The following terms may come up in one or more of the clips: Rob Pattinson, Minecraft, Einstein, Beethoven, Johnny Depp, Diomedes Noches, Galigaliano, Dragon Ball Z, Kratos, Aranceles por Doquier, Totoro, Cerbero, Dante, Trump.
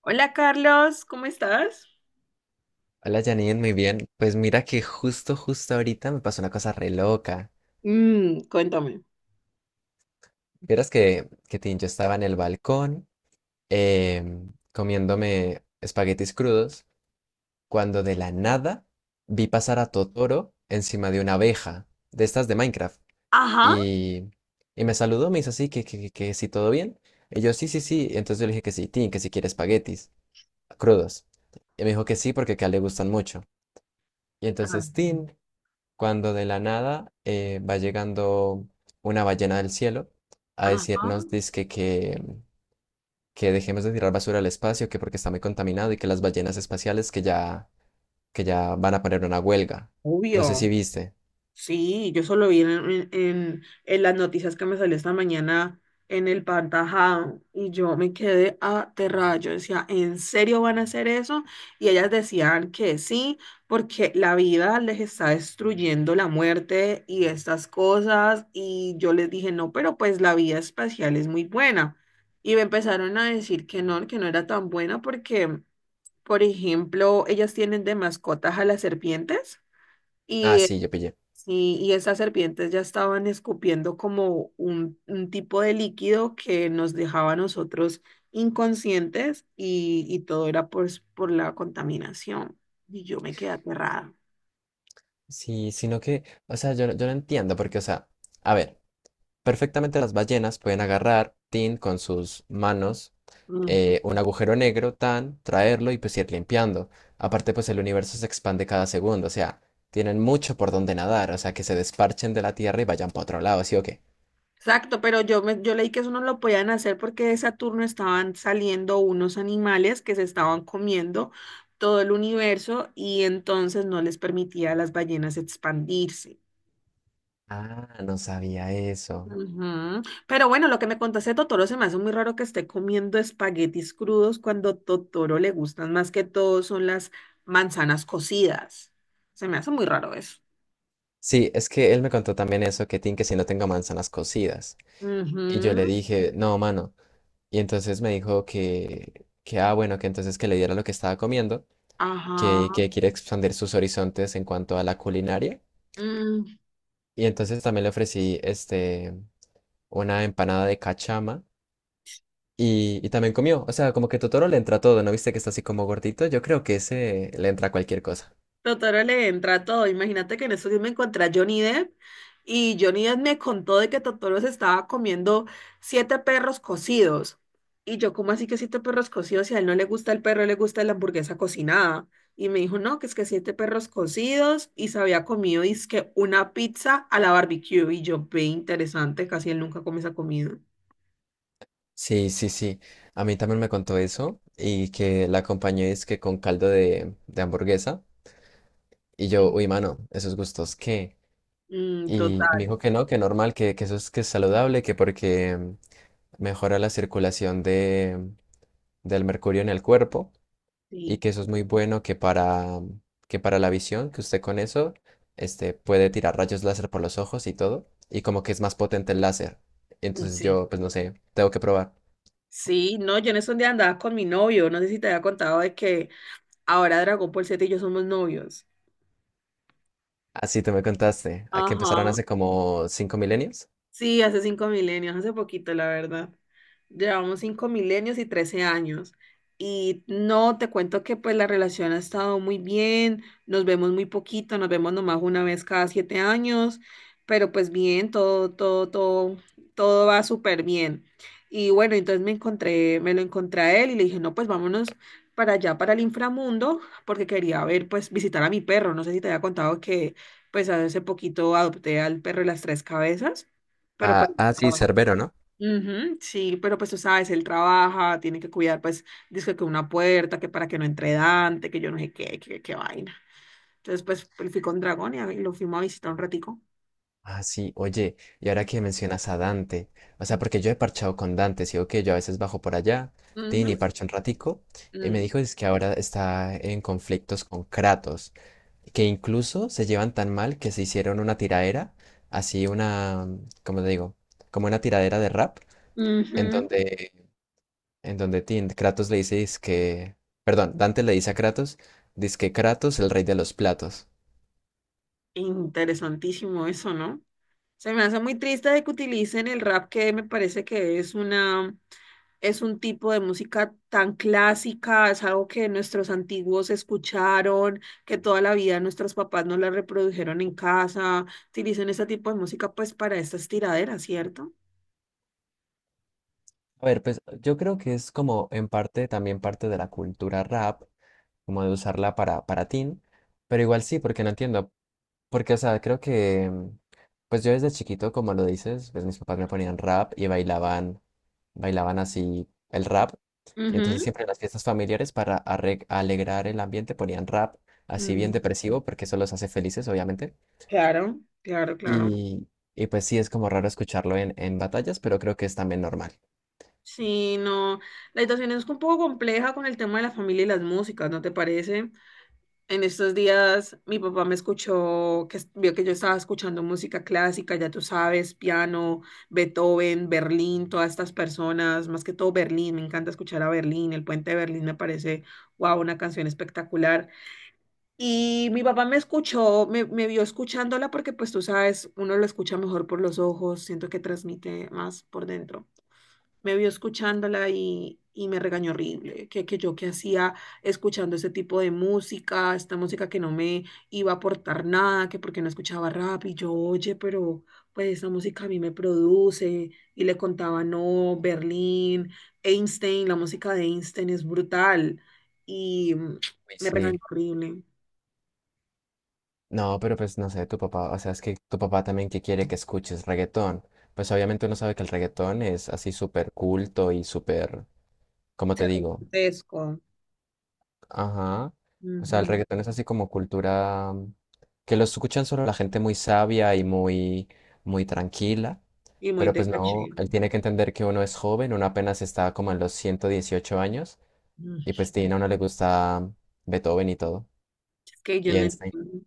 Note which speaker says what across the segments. Speaker 1: Hola Carlos, ¿cómo estás?
Speaker 2: Hola Janine, muy bien. Pues mira que justo ahorita me pasó una cosa re loca.
Speaker 1: Cuéntame.
Speaker 2: Vieras que tin, yo estaba en el balcón comiéndome espaguetis crudos cuando de la nada vi pasar a Totoro encima de una abeja de estas de Minecraft.
Speaker 1: Ajá.
Speaker 2: Y, y me saludó, me hizo así que si todo bien. Y yo sí, sí, sí. Entonces yo le dije que sí, Tin, que si quiere espaguetis crudos. Y me dijo que sí porque que a él le gustan mucho. Y
Speaker 1: Ah,
Speaker 2: entonces Tin cuando de la nada va llegando una ballena del cielo a
Speaker 1: ajá.
Speaker 2: decirnos dizque que dejemos de tirar basura al espacio, que porque está muy contaminado y que las ballenas espaciales que ya van a poner una huelga. No sé si
Speaker 1: Obvio.
Speaker 2: viste.
Speaker 1: Sí, yo solo vi en las noticias que me salió esta mañana en el Pantajao y yo me quedé aterrada. Yo decía, ¿en serio van a hacer eso? Y ellas decían que sí, porque la vida les está destruyendo la muerte y estas cosas. Y yo les dije, no, pero pues la vida espacial es muy buena. Y me empezaron a decir que no era tan buena porque, por ejemplo, ellas tienen de mascotas a las serpientes.
Speaker 2: Ah, sí, yo pillé.
Speaker 1: Sí, y esas serpientes ya estaban escupiendo como un tipo de líquido que nos dejaba a nosotros inconscientes y todo era pues por la contaminación. Y yo me quedé aterrada.
Speaker 2: Sí, sino que, o sea, yo, yo no entiendo porque, o sea, a ver. Perfectamente las ballenas pueden agarrar, tin, con sus manos,
Speaker 1: Ujú.
Speaker 2: un agujero negro, tan, traerlo y pues ir limpiando. Aparte, pues el universo se expande cada segundo, o sea, tienen mucho por donde nadar, o sea, que se desparchen de la Tierra y vayan para otro lado, ¿sí o qué?
Speaker 1: Exacto, pero yo leí que eso no lo podían hacer porque de Saturno estaban saliendo unos animales que se estaban comiendo todo el universo y entonces no les permitía a las ballenas expandirse.
Speaker 2: Ah, no sabía eso.
Speaker 1: Ujú. Pero bueno, lo que me contaste de Totoro se me hace muy raro que esté comiendo espaguetis crudos cuando Totoro le gustan más que todo son las manzanas cocidas. Se me hace muy raro eso.
Speaker 2: Sí, es que él me contó también eso, que tin, que si no tengo manzanas cocidas. Y yo le
Speaker 1: Ujú.
Speaker 2: dije, no, mano. Y entonces me dijo que, ah, bueno, que entonces que le diera lo que estaba comiendo. que,
Speaker 1: Ajá.
Speaker 2: que quiere expandir sus horizontes en cuanto a la culinaria.
Speaker 1: Mm.
Speaker 2: Y entonces también le ofrecí una empanada de cachama y también comió. O sea, como que Totoro le entra todo, ¿no viste que está así como gordito? Yo creo que ese le entra cualquier cosa.
Speaker 1: Totoro le entra a todo. Imagínate que en esos días me encontré a Johnny Depp y Johnny Depp me contó de que Totoro se estaba comiendo siete perros cocidos. Y yo, ¿cómo así que siete perros cocidos? Si a él no le gusta el perro, le gusta la hamburguesa cocinada. Y me dijo, no, que es que siete perros cocidos y se había comido, dizque una pizza a la barbecue. Y yo, ve interesante, casi él nunca come esa comida.
Speaker 2: Sí, sí, sí. A mí también me contó eso y que la acompañé es que con caldo de hamburguesa. Y yo,
Speaker 1: Mm,
Speaker 2: uy, mano, esos gustos, ¿qué?
Speaker 1: mm,
Speaker 2: Y me
Speaker 1: total,
Speaker 2: dijo que no, que normal, que eso es que es saludable, que porque mejora la circulación del mercurio en el cuerpo y
Speaker 1: sí.
Speaker 2: que eso es muy bueno que para la visión, que usted con eso puede tirar rayos láser por los ojos y todo, y como que es más potente el láser. Entonces yo,
Speaker 1: Sí,
Speaker 2: pues no sé, tengo que probar.
Speaker 1: sí, no, yo en esos días andaba con mi novio, no sé si te había contado de que Ahora Dragon Ball Z y yo somos novios.
Speaker 2: Así te me contaste, a que empezaron
Speaker 1: Ajá.
Speaker 2: hace como 5 milenios.
Speaker 1: Sí, hace 5 milenios, hace poquito, la verdad. Llevamos 5 milenios y 13 años. Y no, te cuento que pues la relación ha estado muy bien, nos vemos muy poquito, nos vemos nomás una vez cada 7 años, pero pues bien, todo, todo, todo, todo va súper bien. Y bueno, entonces me encontré, me lo encontré a él y le dije, no, pues vámonos para allá, para el inframundo, porque quería ver, pues visitar a mi perro. No sé si te había contado que pues hace poquito adopté al perro de las tres cabezas. Pero pues,
Speaker 2: Ah, sí,
Speaker 1: ah,
Speaker 2: Cerbero, ¿no?
Speaker 1: ujú, sí, pero pues tú sabes, él trabaja, tiene que cuidar, pues, dice que una puerta, que para que no entre Dante, que yo no sé qué, qué vaina. Entonces, fui con Dragón y lo fuimos a visitar un ratico.
Speaker 2: Ah, sí, oye, y ahora que mencionas a Dante, o sea, porque yo he parchado con Dante, sí, ok, yo a veces bajo por allá, tin,
Speaker 1: Ujú,
Speaker 2: y parcho un ratico, y me
Speaker 1: mm,
Speaker 2: dijo es que ahora está en conflictos con Kratos, que incluso se llevan tan mal que se hicieron una tiradera, así una, ¿cómo te digo? Como una tiradera de rap, en
Speaker 1: ujú.
Speaker 2: donde, en donde tin, Kratos le dice que, perdón, Dante le dice a Kratos, dice que Kratos, el rey de los platos.
Speaker 1: Interesantísimo eso, ¿no? Se me hace muy triste de que utilicen el rap, que me parece que es un tipo de música tan clásica, es algo que nuestros antiguos escucharon, que toda la vida nuestros papás no la reprodujeron en casa. Utilicen ese tipo de música pues para estas tiraderas, ¿cierto?
Speaker 2: A ver, pues yo creo que es como en parte también parte de la cultura rap, como de usarla para teen, pero igual sí, porque no entiendo, porque o sea, creo que, pues yo desde chiquito, como lo dices, pues mis papás me ponían rap y bailaban, bailaban así el rap, y entonces
Speaker 1: Ujú.
Speaker 2: siempre en las fiestas familiares para alegrar el ambiente ponían rap, así bien
Speaker 1: Mm,
Speaker 2: depresivo, porque eso los hace felices, obviamente,
Speaker 1: claro, claro, claro.
Speaker 2: y, y pues sí, es como raro escucharlo en batallas, pero creo que es también normal.
Speaker 1: Sí, no. La situación es un poco compleja con el tema de la familia y las músicas, ¿no te parece? En estos días mi papá me escuchó, que es- vio que yo estaba escuchando música clásica, ya tú sabes, piano, Beethoven, Berlín, todas estas personas, más que todo Berlín, me encanta escuchar a Berlín, el puente de Berlín me parece, wow, una canción espectacular. Y mi papá me escuchó, me vio escuchándola porque pues tú sabes, uno lo escucha mejor por los ojos, siento que transmite más por dentro me vio escuchándola y me regañó horrible, que yo qué hacía escuchando ese tipo de música, esta música que no me iba a aportar nada, que porque no escuchaba rap y yo, oye, pero pues esa música a mí me produce y le contaba, no, Berlín, Einstein, la música de Einstein es brutal y
Speaker 2: Uy,
Speaker 1: me regañó
Speaker 2: sí.
Speaker 1: horrible,
Speaker 2: No, pero pues no sé, tu papá, o sea, es que tu papá también que quiere que escuches reggaetón. Pues obviamente uno sabe que el reggaetón es así súper culto y súper, ¿cómo
Speaker 1: se
Speaker 2: te digo?
Speaker 1: grotesco
Speaker 2: Ajá. O sea, el
Speaker 1: ujú,
Speaker 2: reggaetón es así como cultura que lo escuchan solo la gente muy sabia y muy, muy tranquila.
Speaker 1: y muy
Speaker 2: Pero
Speaker 1: de
Speaker 2: pues no,
Speaker 1: caché.
Speaker 2: él tiene que entender que uno es joven, uno apenas está como en los 118 años
Speaker 1: Mm,
Speaker 2: y pues sí, a uno le gusta Beethoven y todo.
Speaker 1: Es que yo
Speaker 2: Y
Speaker 1: no
Speaker 2: Einstein.
Speaker 1: entiendo.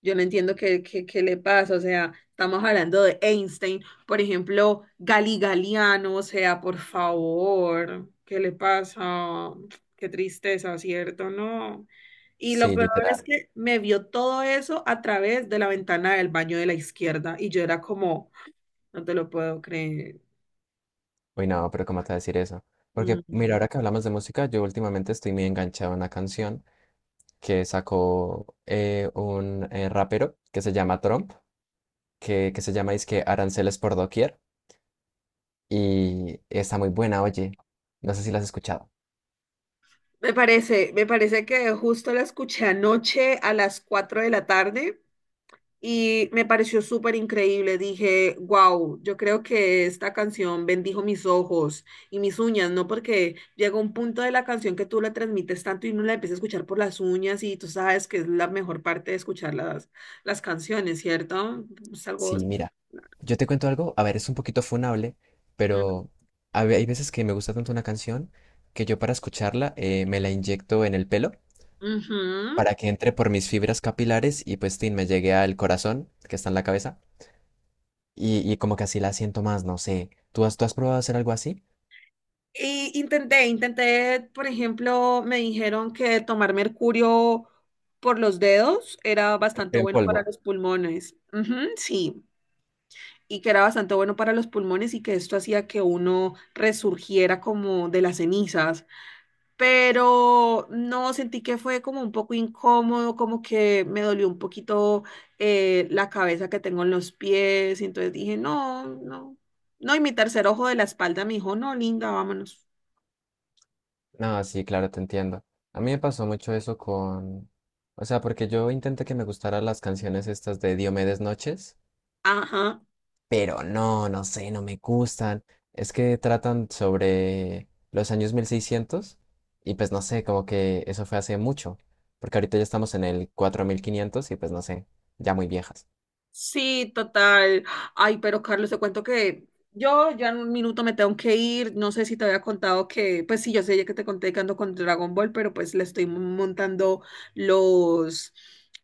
Speaker 1: Yo no entiendo qué le pasa, o sea, estamos hablando de Einstein, por ejemplo, Galigaliano, o sea, por favor, ¿qué le pasa? Qué tristeza, ¿cierto? No. Y lo
Speaker 2: Sí,
Speaker 1: peor
Speaker 2: literal.
Speaker 1: es que me vio todo eso a través de la ventana del baño de la izquierda y yo era como, no te lo puedo creer.
Speaker 2: Uy, no, pero ¿cómo te vas a decir eso? Porque,
Speaker 1: Mm.
Speaker 2: mira, ahora que hablamos de música, yo últimamente estoy muy enganchado a una canción que sacó un rapero que se llama Trump, que se llama que Aranceles por Doquier, y está muy buena, oye. No sé si la has escuchado.
Speaker 1: Me parece que justo la escuché anoche a las 4 de la tarde y me pareció súper increíble. Dije, wow, yo creo que esta canción bendijo mis ojos y mis uñas, ¿no? Porque llega un punto de la canción que tú la transmites tanto y uno la empieza a escuchar por las uñas y tú sabes que es la mejor parte de escuchar las canciones, ¿cierto? Es algo...
Speaker 2: Sí, mira, yo te cuento algo, a ver, es un poquito funable,
Speaker 1: Mm,
Speaker 2: pero hay veces que me gusta tanto una canción que yo para escucharla me la inyecto en el pelo
Speaker 1: ujú.
Speaker 2: para que entre por mis fibras capilares y pues, tin, me llegue al corazón, que está en la cabeza. Y como que así la siento más, no sé. ¿Tú has probado hacer algo así?
Speaker 1: Y por ejemplo, me dijeron que tomar mercurio por los dedos era bastante
Speaker 2: Pero en
Speaker 1: bueno para
Speaker 2: polvo.
Speaker 1: los pulmones. Ujú, sí, y que era bastante bueno para los pulmones y que esto hacía que uno resurgiera como de las cenizas. Pero no, sentí que fue como un poco incómodo, como que me dolió un poquito la cabeza que tengo en los pies. Y entonces dije, no, no, no. Y mi tercer ojo de la espalda me dijo, no, linda, vámonos.
Speaker 2: No, sí, claro, te entiendo. A mí me pasó mucho eso con... O sea, porque yo intenté que me gustaran las canciones estas de Diomedes Noches,
Speaker 1: Ajá.
Speaker 2: pero no, no sé, no me gustan. Es que tratan sobre los años 1600 y pues no sé, como que eso fue hace mucho, porque ahorita ya estamos en el 4500 y pues no sé, ya muy viejas.
Speaker 1: Sí, total. Ay, pero Carlos, te cuento que yo ya en un minuto me tengo que ir. No sé si te había contado que, pues sí, yo sé ya que te conté que ando con Dragon Ball, pero pues le estoy montando los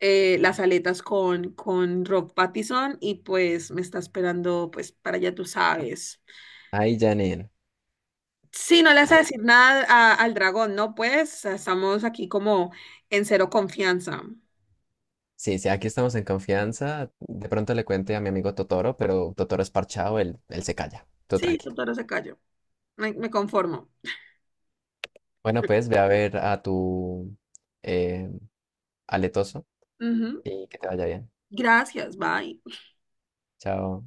Speaker 1: las aletas con Rob Pattinson y pues me está esperando, pues para allá tú sabes.
Speaker 2: Ay, Janine.
Speaker 1: Sí, no le vas a decir nada al dragón, ¿no? Pues estamos aquí como en cero confianza.
Speaker 2: Sí, sí, aquí estamos en confianza. De pronto le cuente a mi amigo Totoro, pero Totoro es parchado, él se calla. Tú
Speaker 1: Sí,
Speaker 2: tranqui.
Speaker 1: doctora, se cayó. Me conformo.
Speaker 2: Bueno, pues ve a ver a tu eh, aletoso
Speaker 1: Ujú.
Speaker 2: y que te vaya bien.
Speaker 1: Gracias, bye.
Speaker 2: Chao.